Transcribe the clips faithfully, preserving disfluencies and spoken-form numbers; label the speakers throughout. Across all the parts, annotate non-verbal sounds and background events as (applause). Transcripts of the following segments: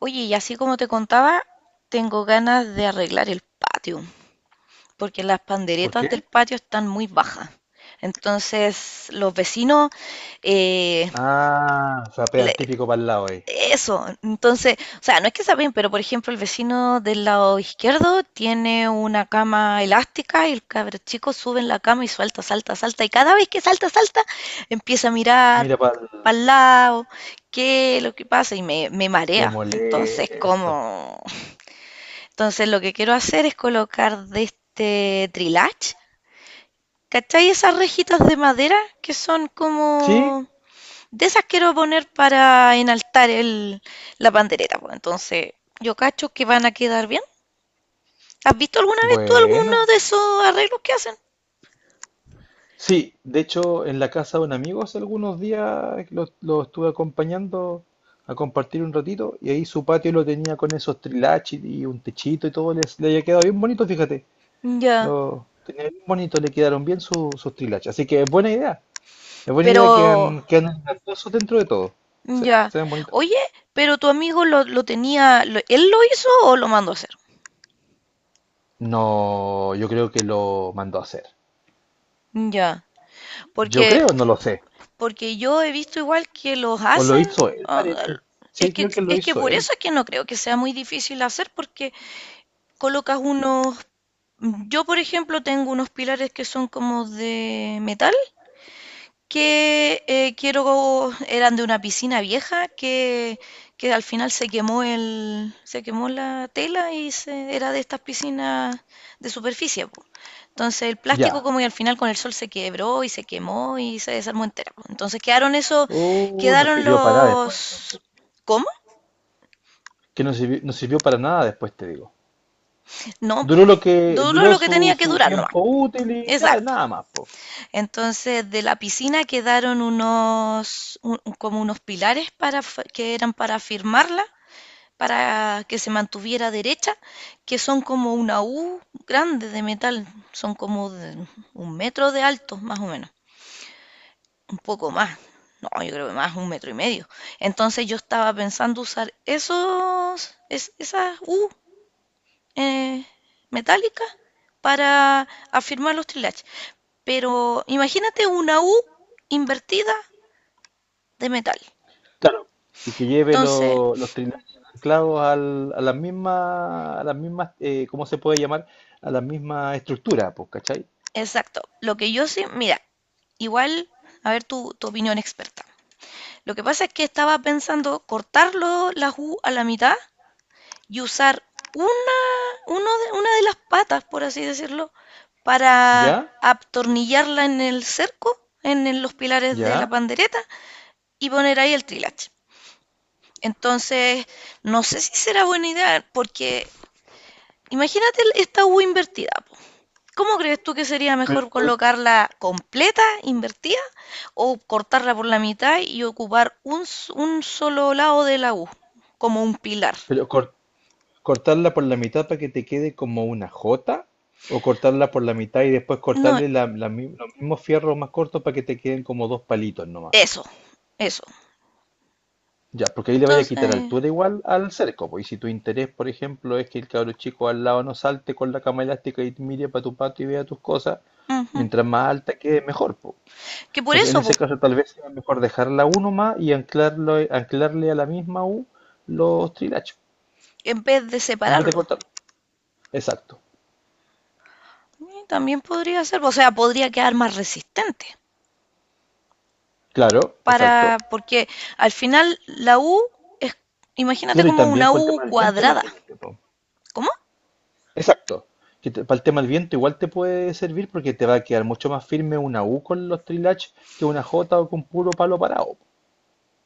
Speaker 1: Oye, y así como te contaba, tengo ganas de arreglar el patio, porque las
Speaker 2: ¿Por
Speaker 1: panderetas del
Speaker 2: qué?
Speaker 1: patio están muy bajas. Entonces, los vecinos, eh,
Speaker 2: Ah, o sea,
Speaker 1: le-
Speaker 2: pegan típico para el lado ahí.
Speaker 1: eso, entonces, o sea, no es que saben, pero por ejemplo, el vecino del lado izquierdo tiene una cama elástica y el cabro chico sube en la cama y suelta, salta, salta, y cada vez que salta, salta, empieza a mirar
Speaker 2: Mira para el...
Speaker 1: para el lado, qué es lo que pasa y me, me
Speaker 2: Qué
Speaker 1: marea. Entonces,
Speaker 2: molesto.
Speaker 1: como... Entonces lo que quiero hacer es colocar de este trilage, ¿cachai? Esas rejitas de madera que son
Speaker 2: Sí,
Speaker 1: como... De esas quiero poner para enaltar el, la pandereta. Pues. Entonces yo cacho que van a quedar bien. ¿Has visto alguna vez tú
Speaker 2: bueno.
Speaker 1: alguno de esos arreglos que hacen?
Speaker 2: Sí, de hecho, en la casa de un amigo hace algunos días lo, lo estuve acompañando a compartir un ratito y ahí su patio lo tenía con esos trilaches y un techito y todo, les, le había quedado bien bonito, fíjate.
Speaker 1: Ya,
Speaker 2: Lo tenía bien bonito, le quedaron bien su- sus trilaches. Así que es buena idea. Es buena idea que
Speaker 1: pero...
Speaker 2: han, que han dentro de todo. Sí,
Speaker 1: Ya.
Speaker 2: se ven bonitos.
Speaker 1: Oye, pero tu amigo lo, lo tenía... lo- ¿Él lo hizo o lo mandó a hacer?
Speaker 2: No, yo creo que lo mandó a hacer.
Speaker 1: Ya.
Speaker 2: Yo
Speaker 1: Porque
Speaker 2: creo, no lo sé.
Speaker 1: porque yo he visto igual que los
Speaker 2: O lo
Speaker 1: hacen.
Speaker 2: hizo él,
Speaker 1: Ah,
Speaker 2: parece.
Speaker 1: es
Speaker 2: Sí,
Speaker 1: que,
Speaker 2: creo que lo
Speaker 1: es que
Speaker 2: hizo
Speaker 1: por
Speaker 2: él.
Speaker 1: eso es que no creo que sea muy difícil hacer, porque colocas unos... Yo, por ejemplo, tengo unos pilares que son como de metal que eh, quiero, eran de una piscina vieja que, que al final se quemó el, se quemó la tela y se, era de estas piscinas de superficie, po. Entonces el plástico
Speaker 2: Ya.
Speaker 1: como y al final con el sol se quebró y se quemó y se desarmó entera, po. Entonces quedaron eso,
Speaker 2: Uh, no
Speaker 1: quedaron
Speaker 2: sirvió para nada después,
Speaker 1: los,
Speaker 2: entonces.
Speaker 1: ¿cómo?
Speaker 2: Que no sirvió, no sirvió para nada después, te digo.
Speaker 1: No, pues,
Speaker 2: Duró lo que
Speaker 1: duró
Speaker 2: duró
Speaker 1: lo que
Speaker 2: su,
Speaker 1: tenía que
Speaker 2: su
Speaker 1: durar nomás.
Speaker 2: tiempo útil y claro,
Speaker 1: Exacto.
Speaker 2: nada más, po.
Speaker 1: Entonces, de la piscina quedaron unos, un- como unos pilares para, f- que eran para firmarla para que se mantuviera derecha, que son como una U grande de metal, son como de un metro de alto, más o menos, un poco más, no, yo creo que más, un metro y medio. Entonces yo estaba pensando usar esos, es- esas U eh, metálicas para afirmar los trilatch. Pero imagínate una U invertida de metal.
Speaker 2: Claro. Y que lleve
Speaker 1: Entonces,
Speaker 2: lo- los trineos anclados al- a las mismas, a las mismas, eh, ¿cómo se puede llamar? A las mismas estructuras, pues, ¿cachai?
Speaker 1: exacto, lo que yo sé, mira, igual, a ver tu, tu opinión experta. Lo que pasa es que estaba pensando cortarlo la U a la mitad y usar una, uno de, una de las patas, por así decirlo, para
Speaker 2: ¿Ya?
Speaker 1: atornillarla en el cerco, en el- los pilares de la
Speaker 2: ¿Ya?
Speaker 1: pandereta y poner ahí el trilache. Entonces, no sé si será buena idea, porque imagínate el- esta U invertida. Po. ¿Cómo crees tú que sería
Speaker 2: Pero,
Speaker 1: mejor
Speaker 2: tú-
Speaker 1: colocarla completa, invertida, o cortarla por la mitad y ocupar un, s- un solo lado de la U, como un pilar?
Speaker 2: pero cor- cortarla por la mitad para que te quede como una jota, o cortarla por la mitad y después
Speaker 1: No,
Speaker 2: cortarle la- la mi- los mismos fierros más cortos para que te queden como dos palitos nomás.
Speaker 1: eso, eso.
Speaker 2: Ya, porque ahí le vaya a quitar
Speaker 1: Entonces,
Speaker 2: altura igual al cerco, po. Y si tu interés, por ejemplo, es que el cabro chico al lado no salte con la cama elástica y mire para tu pato y vea tus cosas,
Speaker 1: ujú.
Speaker 2: mientras más alta quede, mejor, po.
Speaker 1: Que por
Speaker 2: Entonces, en
Speaker 1: eso,
Speaker 2: ese
Speaker 1: pues,
Speaker 2: caso, tal vez sea mejor dejarla uno más y anclarlo, anclarle a la misma U los trilachos,
Speaker 1: en vez de
Speaker 2: en vez de
Speaker 1: separarlo,
Speaker 2: cortarlo. Exacto.
Speaker 1: eh, también podría ser, o sea, podría quedar más resistente.
Speaker 2: Claro, exacto.
Speaker 1: Para, porque al final la U es, imagínate
Speaker 2: Claro, y
Speaker 1: como
Speaker 2: también
Speaker 1: una
Speaker 2: por el tema
Speaker 1: U
Speaker 2: del viento,
Speaker 1: cuadrada.
Speaker 2: imagínate, po.
Speaker 1: ¿Cómo?
Speaker 2: Exacto. Que te- para el tema del viento igual te puede servir porque te va a quedar mucho más firme una U con los trilach que una J o con puro palo parado.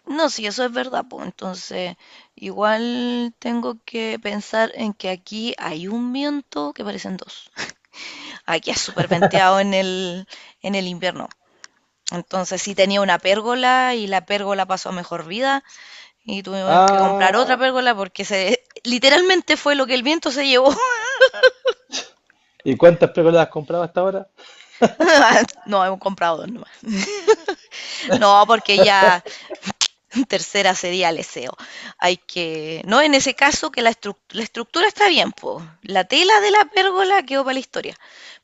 Speaker 1: No, si eso es verdad, pues entonces igual tengo que pensar en que aquí hay un viento que parecen dos. Aquí es súper venteado en el, en el invierno. Entonces sí tenía una pérgola y la pérgola pasó a mejor vida y tuvimos que comprar
Speaker 2: Ah,
Speaker 1: otra pérgola porque se literalmente fue lo que el viento se llevó.
Speaker 2: ¿y cuántas pérgolas has comprado hasta ahora?
Speaker 1: (laughs) No, hemos comprado dos nomás. No, porque ya tercera sería el S E O. Hay que, no, en ese caso que la, estru- la estructura está bien, pues. La tela de la pérgola quedó para la historia,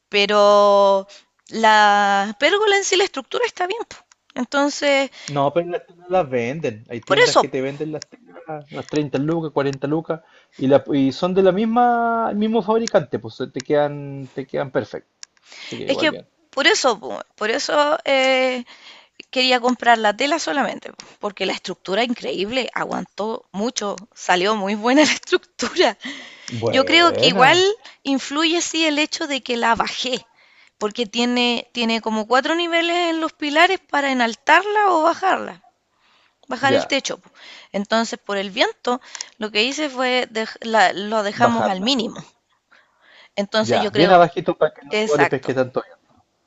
Speaker 1: pero la pérgola en sí, la estructura está bien, po. Entonces,
Speaker 2: No, pero las teclas las venden. Hay
Speaker 1: por
Speaker 2: tiendas
Speaker 1: eso,
Speaker 2: que te venden las teclas, las treinta lucas, cuarenta lucas, y, la, y son de la misma, el mismo fabricante, pues te quedan, te quedan, perfecto. Así que
Speaker 1: es
Speaker 2: igual
Speaker 1: que
Speaker 2: bien.
Speaker 1: por eso, po, por eso eh, quería comprar la tela solamente, po, porque la estructura increíble, aguantó mucho, salió muy buena (laughs) la estructura. Yo creo que
Speaker 2: Buena.
Speaker 1: igual influye sí el hecho de que la bajé, porque tiene, tiene como cuatro niveles en los pilares para enaltarla o bajarla, bajar el
Speaker 2: Ya,
Speaker 1: techo. Po. Entonces, por el viento, lo que hice fue dej- la- lo dejamos al
Speaker 2: bajarla.
Speaker 1: mínimo. Entonces, yo
Speaker 2: Ya, bien
Speaker 1: creo,
Speaker 2: abajito para que no le
Speaker 1: exacto,
Speaker 2: pesque tanto avión.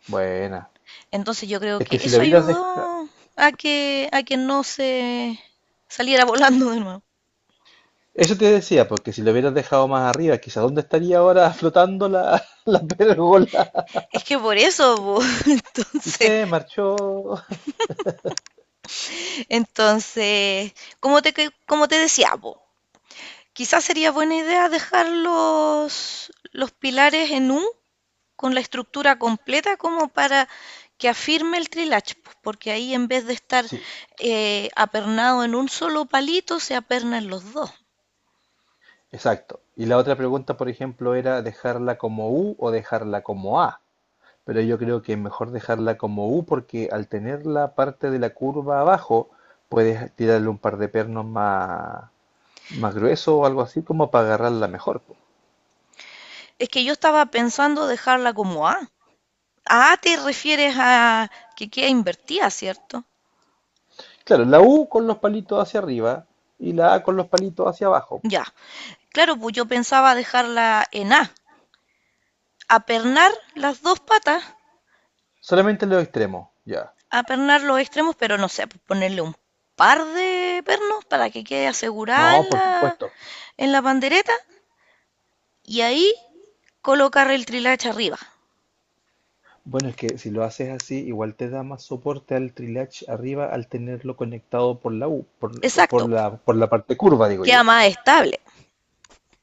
Speaker 2: Buena.
Speaker 1: entonces yo creo
Speaker 2: Es que
Speaker 1: que
Speaker 2: si lo
Speaker 1: eso
Speaker 2: hubieras dejado...
Speaker 1: ayudó a que, a que no se saliera (laughs) volando de nuevo.
Speaker 2: Eso te decía, porque si lo hubieras dejado más arriba, quizás dónde estaría ahora flotando la, (laughs) la pérgola.
Speaker 1: Es que por eso, po, (laughs)
Speaker 2: Y
Speaker 1: entonces,
Speaker 2: se marchó.
Speaker 1: entonces, como te, que- como te decía, po, quizás sería buena idea dejar los, los pilares en U con la estructura completa como para que afirme el trilach, po, porque ahí en vez de estar
Speaker 2: Sí,
Speaker 1: eh, apernado en un solo palito, se apernan los dos.
Speaker 2: exacto. Y la otra pregunta, por ejemplo, era dejarla como U o dejarla como A. Pero yo creo que es mejor dejarla como U porque al tener la parte de la curva abajo, puedes tirarle un par de pernos más, más gruesos o algo así como para agarrarla mejor, po.
Speaker 1: Es que yo estaba pensando dejarla como A. Ah, te refieres a que queda invertida, ¿cierto?
Speaker 2: Claro, la U con los palitos hacia arriba y la A con los palitos hacia abajo.
Speaker 1: Ya. Claro, pues yo pensaba dejarla en A, apernar las dos patas,
Speaker 2: Solamente los extremos, ya.
Speaker 1: apernar los extremos, pero no sé, pues ponerle un par de pernos para que quede asegurada
Speaker 2: No,
Speaker 1: en
Speaker 2: por
Speaker 1: la,
Speaker 2: supuesto.
Speaker 1: en la pandereta y ahí colocar el trilacha arriba.
Speaker 2: Bueno, es que si lo haces así, igual te da más soporte al trilatch arriba al tenerlo conectado por la U, por, por
Speaker 1: Exacto, po.
Speaker 2: la, por la parte curva, digo
Speaker 1: Queda
Speaker 2: yo.
Speaker 1: más estable.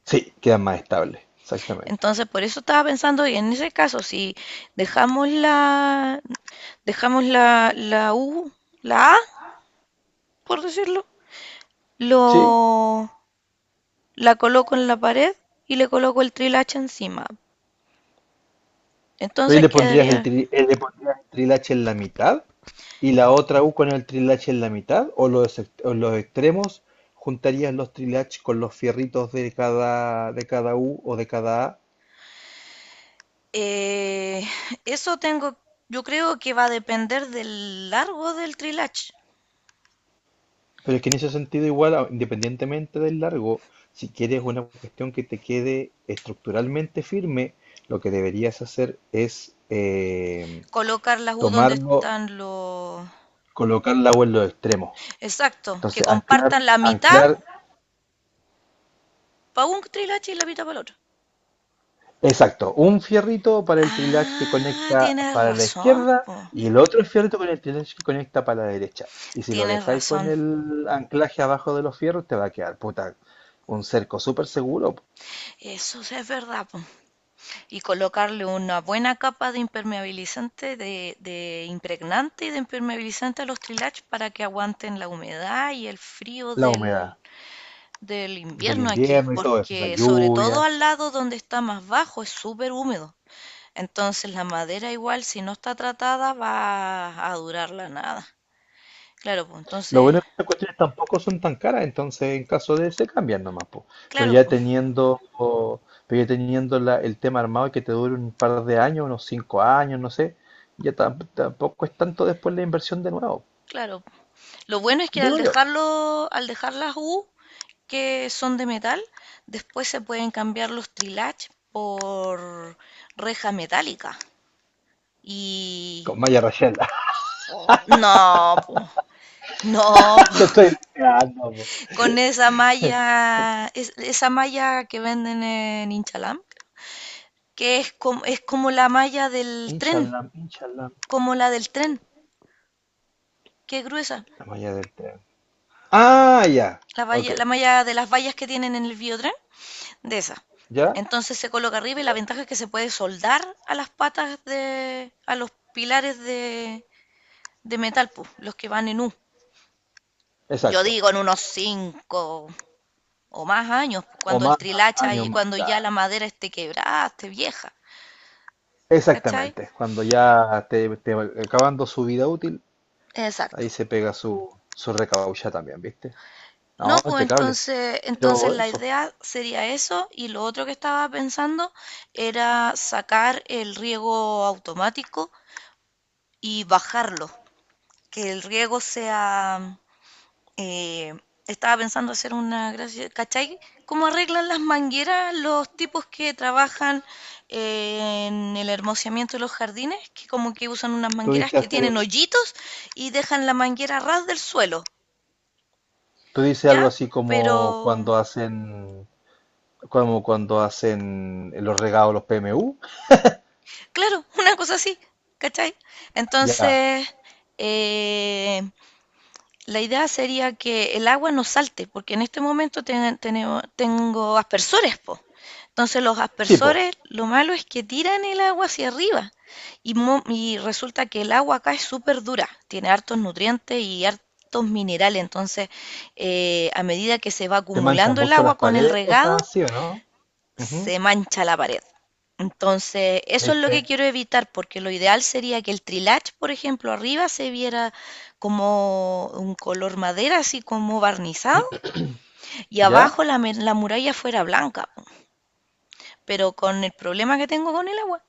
Speaker 2: Sí, queda más estable, exactamente.
Speaker 1: Entonces, por eso estaba pensando que en ese caso, si dejamos la, dejamos la, la U, la A, por decirlo,
Speaker 2: Sí,
Speaker 1: lo, la coloco en la pared y le coloco el trilacha encima.
Speaker 2: pero ahí
Speaker 1: Entonces
Speaker 2: le pondrías el,
Speaker 1: quedaría...
Speaker 2: tri- eh, le pondrías el trilache en la mitad y la otra U con el trilache en la mitad o los, ex- o los extremos juntarías los trilaches con los fierritos de cada, de cada U o de cada A.
Speaker 1: Eh, eso tengo, yo creo que va a depender del largo del trilach.
Speaker 2: Pero es que en ese sentido igual, a- independientemente del largo, si quieres una cuestión que te quede estructuralmente firme, lo que deberías hacer es eh,
Speaker 1: Colocar las U donde
Speaker 2: tomarlo,
Speaker 1: están los...
Speaker 2: colocar la U en los extremos.
Speaker 1: Exacto, que
Speaker 2: Entonces, anclar,
Speaker 1: compartan la mitad
Speaker 2: anclar
Speaker 1: para un trilache y la mitad para el otro.
Speaker 2: Exacto, un fierrito para el trilage que
Speaker 1: Ah,
Speaker 2: conecta
Speaker 1: tienes
Speaker 2: para la
Speaker 1: razón,
Speaker 2: izquierda
Speaker 1: po.
Speaker 2: y el otro fierrito con el trilage que conecta para la derecha. Y si lo
Speaker 1: Tienes
Speaker 2: dejáis con
Speaker 1: razón.
Speaker 2: el anclaje abajo de los fierros, te va a quedar, puta, un cerco súper seguro.
Speaker 1: Eso sí es verdad, po. Y colocarle una buena capa de impermeabilizante, de, de impregnante y de impermeabilizante a los trilach para que aguanten la humedad y el frío
Speaker 2: La
Speaker 1: del,
Speaker 2: humedad
Speaker 1: del
Speaker 2: del
Speaker 1: invierno aquí,
Speaker 2: invierno y todo eso, la
Speaker 1: porque sobre todo
Speaker 2: lluvia.
Speaker 1: al lado donde está más bajo es súper húmedo. Entonces la madera igual si no está tratada va a durar la nada. Claro, pues
Speaker 2: Lo
Speaker 1: entonces,
Speaker 2: bueno es que estas cuestiones tampoco son tan caras, entonces en caso de se cambian nomás, po. Pero
Speaker 1: claro,
Speaker 2: ya
Speaker 1: pues,
Speaker 2: teniendo, o- pero ya teniendo la- el tema armado y que te dure un par de años, unos cinco años, no sé, ya tam- tampoco es tanto después la inversión de nuevo.
Speaker 1: claro. Lo bueno es que al
Speaker 2: Digo yo,
Speaker 1: dejarlo, al dejar las U, que son de metal, después se pueden cambiar los trilach por reja metálica. Y
Speaker 2: con Maya Rachel, (laughs)
Speaker 1: no, po, no, po.
Speaker 2: te estoy
Speaker 1: (laughs)
Speaker 2: diciendo, po.
Speaker 1: Con esa malla, es- esa malla que venden en Inchalam, que es como, es como la malla del tren,
Speaker 2: Inshallah, inshallah,
Speaker 1: como la del tren, que es gruesa,
Speaker 2: la Maya del tren. Ah, ya,
Speaker 1: la,
Speaker 2: ok,
Speaker 1: valla- la malla de las vallas que tienen en el biotren, de esa.
Speaker 2: ya,
Speaker 1: Entonces se coloca arriba y la ventaja es que se puede soldar a las patas de, a los pilares de, de metal, pues, los que van en U. Yo
Speaker 2: exacto.
Speaker 1: digo en unos cinco o más años, pues,
Speaker 2: O
Speaker 1: cuando el
Speaker 2: más
Speaker 1: trilacha
Speaker 2: años
Speaker 1: y
Speaker 2: más,
Speaker 1: cuando ya
Speaker 2: claro.
Speaker 1: la madera esté quebrada, esté vieja, ¿cachai?
Speaker 2: Exactamente, cuando ya te, te acabando su vida útil.
Speaker 1: Exacto.
Speaker 2: Ahí se pega su, su recaucha también, ¿viste? No,
Speaker 1: No, pues
Speaker 2: impecable.
Speaker 1: entonces, entonces
Speaker 2: Pero
Speaker 1: la
Speaker 2: eso,
Speaker 1: idea sería eso y lo otro que estaba pensando era sacar el riego automático y bajarlo, que el riego sea Eh, estaba pensando hacer una gracia, ¿cachai? ¿Cómo arreglan las mangueras los tipos que trabajan eh, en el hermoseamiento de los jardines? Que como que usan unas
Speaker 2: tú
Speaker 1: mangueras
Speaker 2: dices
Speaker 1: que
Speaker 2: hacer
Speaker 1: tienen
Speaker 2: un,
Speaker 1: hoyitos y dejan la manguera a ras del suelo,
Speaker 2: tú dices
Speaker 1: ¿ya?
Speaker 2: algo así como
Speaker 1: Pero,
Speaker 2: cuando hacen, como cuando hacen los regados, los P M U,
Speaker 1: claro, (laughs) una cosa así, ¿cachai?
Speaker 2: ya.
Speaker 1: Entonces, eh, la idea sería que el agua no salte, porque en este momento ten- tenemos- tengo aspersores, po. Entonces los
Speaker 2: Sí, po,
Speaker 1: aspersores, lo malo es que tiran el agua hacia arriba y, mo- y resulta que el agua acá es súper dura, tiene hartos nutrientes y hartos minerales, entonces eh, a medida que se va
Speaker 2: te manchas
Speaker 1: acumulando el
Speaker 2: mucho
Speaker 1: agua
Speaker 2: las
Speaker 1: con el
Speaker 2: paredes, cosas
Speaker 1: regado,
Speaker 2: así, ¿o no? Ujú.
Speaker 1: se mancha la pared. Entonces, eso es lo
Speaker 2: ¿Viste?
Speaker 1: que quiero evitar, porque lo ideal sería que el trilage, por ejemplo, arriba se viera como un color madera, así como barnizado, y
Speaker 2: ¿Ya?
Speaker 1: abajo la, la muralla fuera blanca. Pero con el problema que tengo con el agua,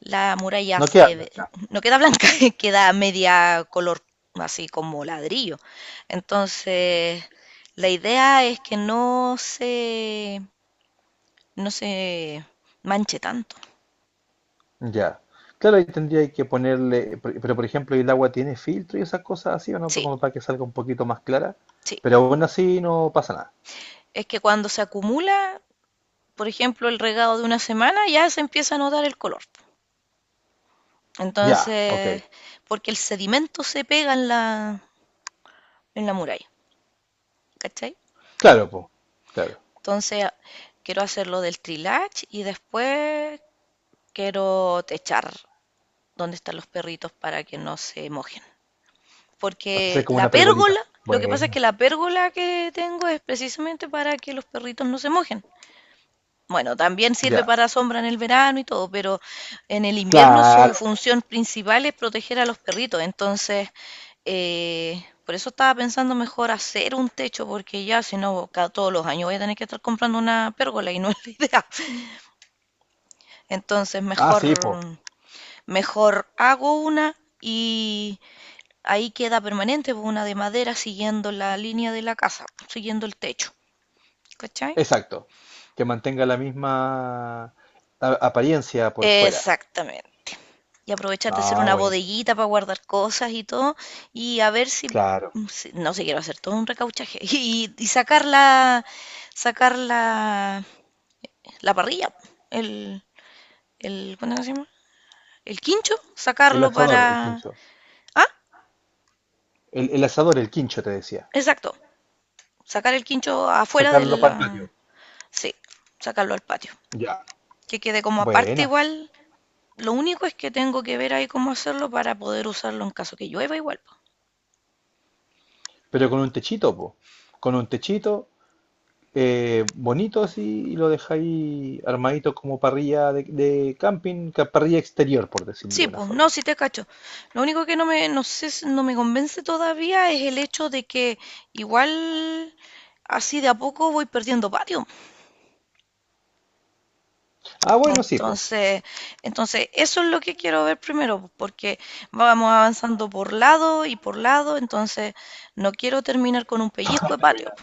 Speaker 1: la muralla
Speaker 2: No
Speaker 1: se
Speaker 2: queda
Speaker 1: ve-
Speaker 2: acá.
Speaker 1: no queda blanca, (laughs) queda media color, así como ladrillo. Entonces, la idea es que no se, no se manche tanto.
Speaker 2: Ya. Claro, ahí tendría que ponerle, por- pero por ejemplo, ¿el agua tiene filtro y esas cosas así o no?
Speaker 1: Sí.
Speaker 2: Como para que salga un poquito más clara.
Speaker 1: Sí,
Speaker 2: Pero aún así no pasa nada.
Speaker 1: es que cuando se acumula, por ejemplo, el regado de una semana, ya se empieza a notar el color.
Speaker 2: Ya, ok.
Speaker 1: Entonces, porque el sedimento se pega en la, en la muralla, ¿cachai?
Speaker 2: Claro, po, claro.
Speaker 1: Entonces, quiero hacer lo del trilage y después quiero techar donde están los perritos para que no se mojen.
Speaker 2: Hacer
Speaker 1: Porque
Speaker 2: como
Speaker 1: la
Speaker 2: una pergolita.
Speaker 1: pérgola, lo que pasa es que
Speaker 2: Bueno.
Speaker 1: la pérgola que tengo es precisamente para que los perritos no se mojen. Bueno, también sirve
Speaker 2: Ya,
Speaker 1: para sombra en el verano y todo, pero en el invierno su
Speaker 2: claro.
Speaker 1: función principal es proteger a los perritos. Entonces, eh, por eso estaba pensando mejor hacer un techo, porque ya si no, cada todos los años voy a tener que estar comprando una pérgola y no es la idea. (laughs) Entonces,
Speaker 2: Ah, sí, po.
Speaker 1: mejor, mejor hago una y ahí queda permanente pues, una de madera siguiendo la línea de la casa, siguiendo el techo. ¿Cachai?
Speaker 2: Exacto. Que mantenga la misma a- apariencia por fuera.
Speaker 1: Exactamente. Y aprovechar de hacer
Speaker 2: Ah,
Speaker 1: una
Speaker 2: buenísimo.
Speaker 1: bodeguita para guardar cosas y todo, y a ver si,
Speaker 2: Claro.
Speaker 1: si- no sé, quiero hacer todo un recauchaje (laughs) y, y sacar la, sacar la, la parrilla, el, el, ¿cómo se llama? El quincho,
Speaker 2: El
Speaker 1: sacarlo
Speaker 2: asador, el
Speaker 1: para,
Speaker 2: quincho.
Speaker 1: ah,
Speaker 2: El, el asador, el quincho, te decía.
Speaker 1: exacto, sacar el quincho afuera de
Speaker 2: Sacarlo para el patio.
Speaker 1: la, sí, sacarlo al patio,
Speaker 2: Ya.
Speaker 1: que quede como aparte
Speaker 2: Buena.
Speaker 1: igual. Lo único es que tengo que ver ahí cómo hacerlo para poder usarlo en caso que llueva igual.
Speaker 2: Pero con un techito, po. Con un techito eh, bonito así y lo dejáis armadito como parrilla de, de camping, ca- parrilla exterior, por decirlo
Speaker 1: Sí,
Speaker 2: de una
Speaker 1: pues, no,
Speaker 2: forma.
Speaker 1: sí te cacho. Lo único que no me, no sé, si- no me convence todavía es el hecho de que igual así de a poco voy perdiendo patio.
Speaker 2: Ah, bueno, sí, po.
Speaker 1: Entonces, entonces eso es lo que quiero ver primero, pues, porque vamos avanzando por lado y por lado, entonces no quiero terminar con un pellizco
Speaker 2: (laughs)
Speaker 1: de
Speaker 2: Termina
Speaker 1: patio.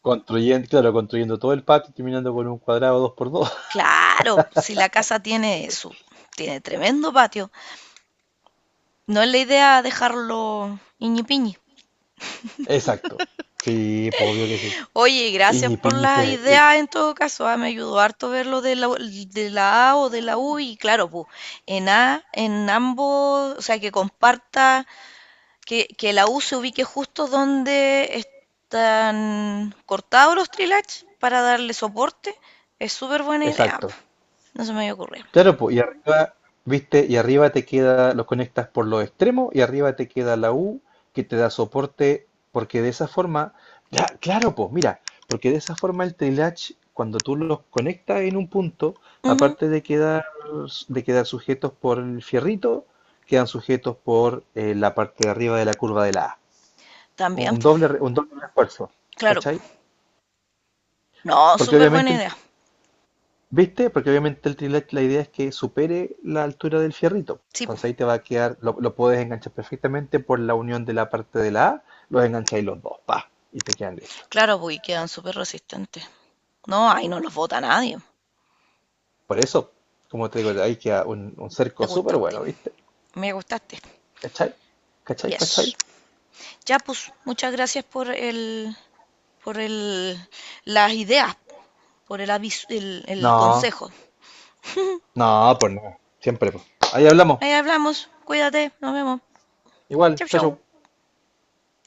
Speaker 2: construyendo, claro, construyendo todo el patio, y terminando con un cuadrado dos por dos.
Speaker 1: Claro, si la casa tiene su, tiene tremendo patio, no es la idea dejarlo iñipiñi.
Speaker 2: (laughs) Exacto. Sí, pues obvio que sí.
Speaker 1: Oye, gracias por
Speaker 2: Iñipiñi
Speaker 1: las
Speaker 2: se. eh,
Speaker 1: ideas en todo caso. Ah, me ayudó harto ver lo de la, de la A o de la U y claro, pues en A, en ambos, o sea, que comparta, que, que la U se ubique justo donde están cortados los trilach para darle soporte, es súper buena idea. Po.
Speaker 2: Exacto.
Speaker 1: No se me había ocurrido.
Speaker 2: Claro, pues, y arriba, viste, y arriba te queda, los conectas por los extremos y arriba te queda la U que te da soporte, porque de esa forma, ya, claro, pues, mira, porque de esa forma el trilatch, cuando tú los conectas en un punto,
Speaker 1: Ujú,
Speaker 2: aparte de quedar, de quedar, sujetos por el fierrito, quedan sujetos por eh, la parte de arriba de la curva de la A.
Speaker 1: también,
Speaker 2: Un
Speaker 1: pues,
Speaker 2: doble, re- un doble refuerzo,
Speaker 1: claro.
Speaker 2: ¿cachai?
Speaker 1: Po. No,
Speaker 2: Porque
Speaker 1: súper buena
Speaker 2: obviamente el
Speaker 1: idea.
Speaker 2: ¿Viste? Porque obviamente el trilet la idea es que supere la altura del fierrito.
Speaker 1: Sí, pues,
Speaker 2: Entonces ahí te va a quedar, lo, lo puedes enganchar perfectamente por la unión de la parte de la A, los engancháis los dos, pa, y te quedan listos.
Speaker 1: claro, pues, y quedan súper resistentes. No, ahí no los vota nadie.
Speaker 2: Por eso, como te digo, ahí queda un, un
Speaker 1: Me
Speaker 2: cerco súper
Speaker 1: gustaste,
Speaker 2: bueno, ¿viste?
Speaker 1: me gustaste.
Speaker 2: ¿Cachai? ¿Cachai? ¿Cachai?
Speaker 1: Yes. Ya, pues, muchas gracias por el, por el, las ideas, por el aviso, el, el
Speaker 2: No,
Speaker 1: consejo.
Speaker 2: no, pues no, siempre, pues. Ahí hablamos.
Speaker 1: Ahí hablamos, cuídate, nos vemos.
Speaker 2: Igual,
Speaker 1: Chau,
Speaker 2: chau, chau.
Speaker 1: chau.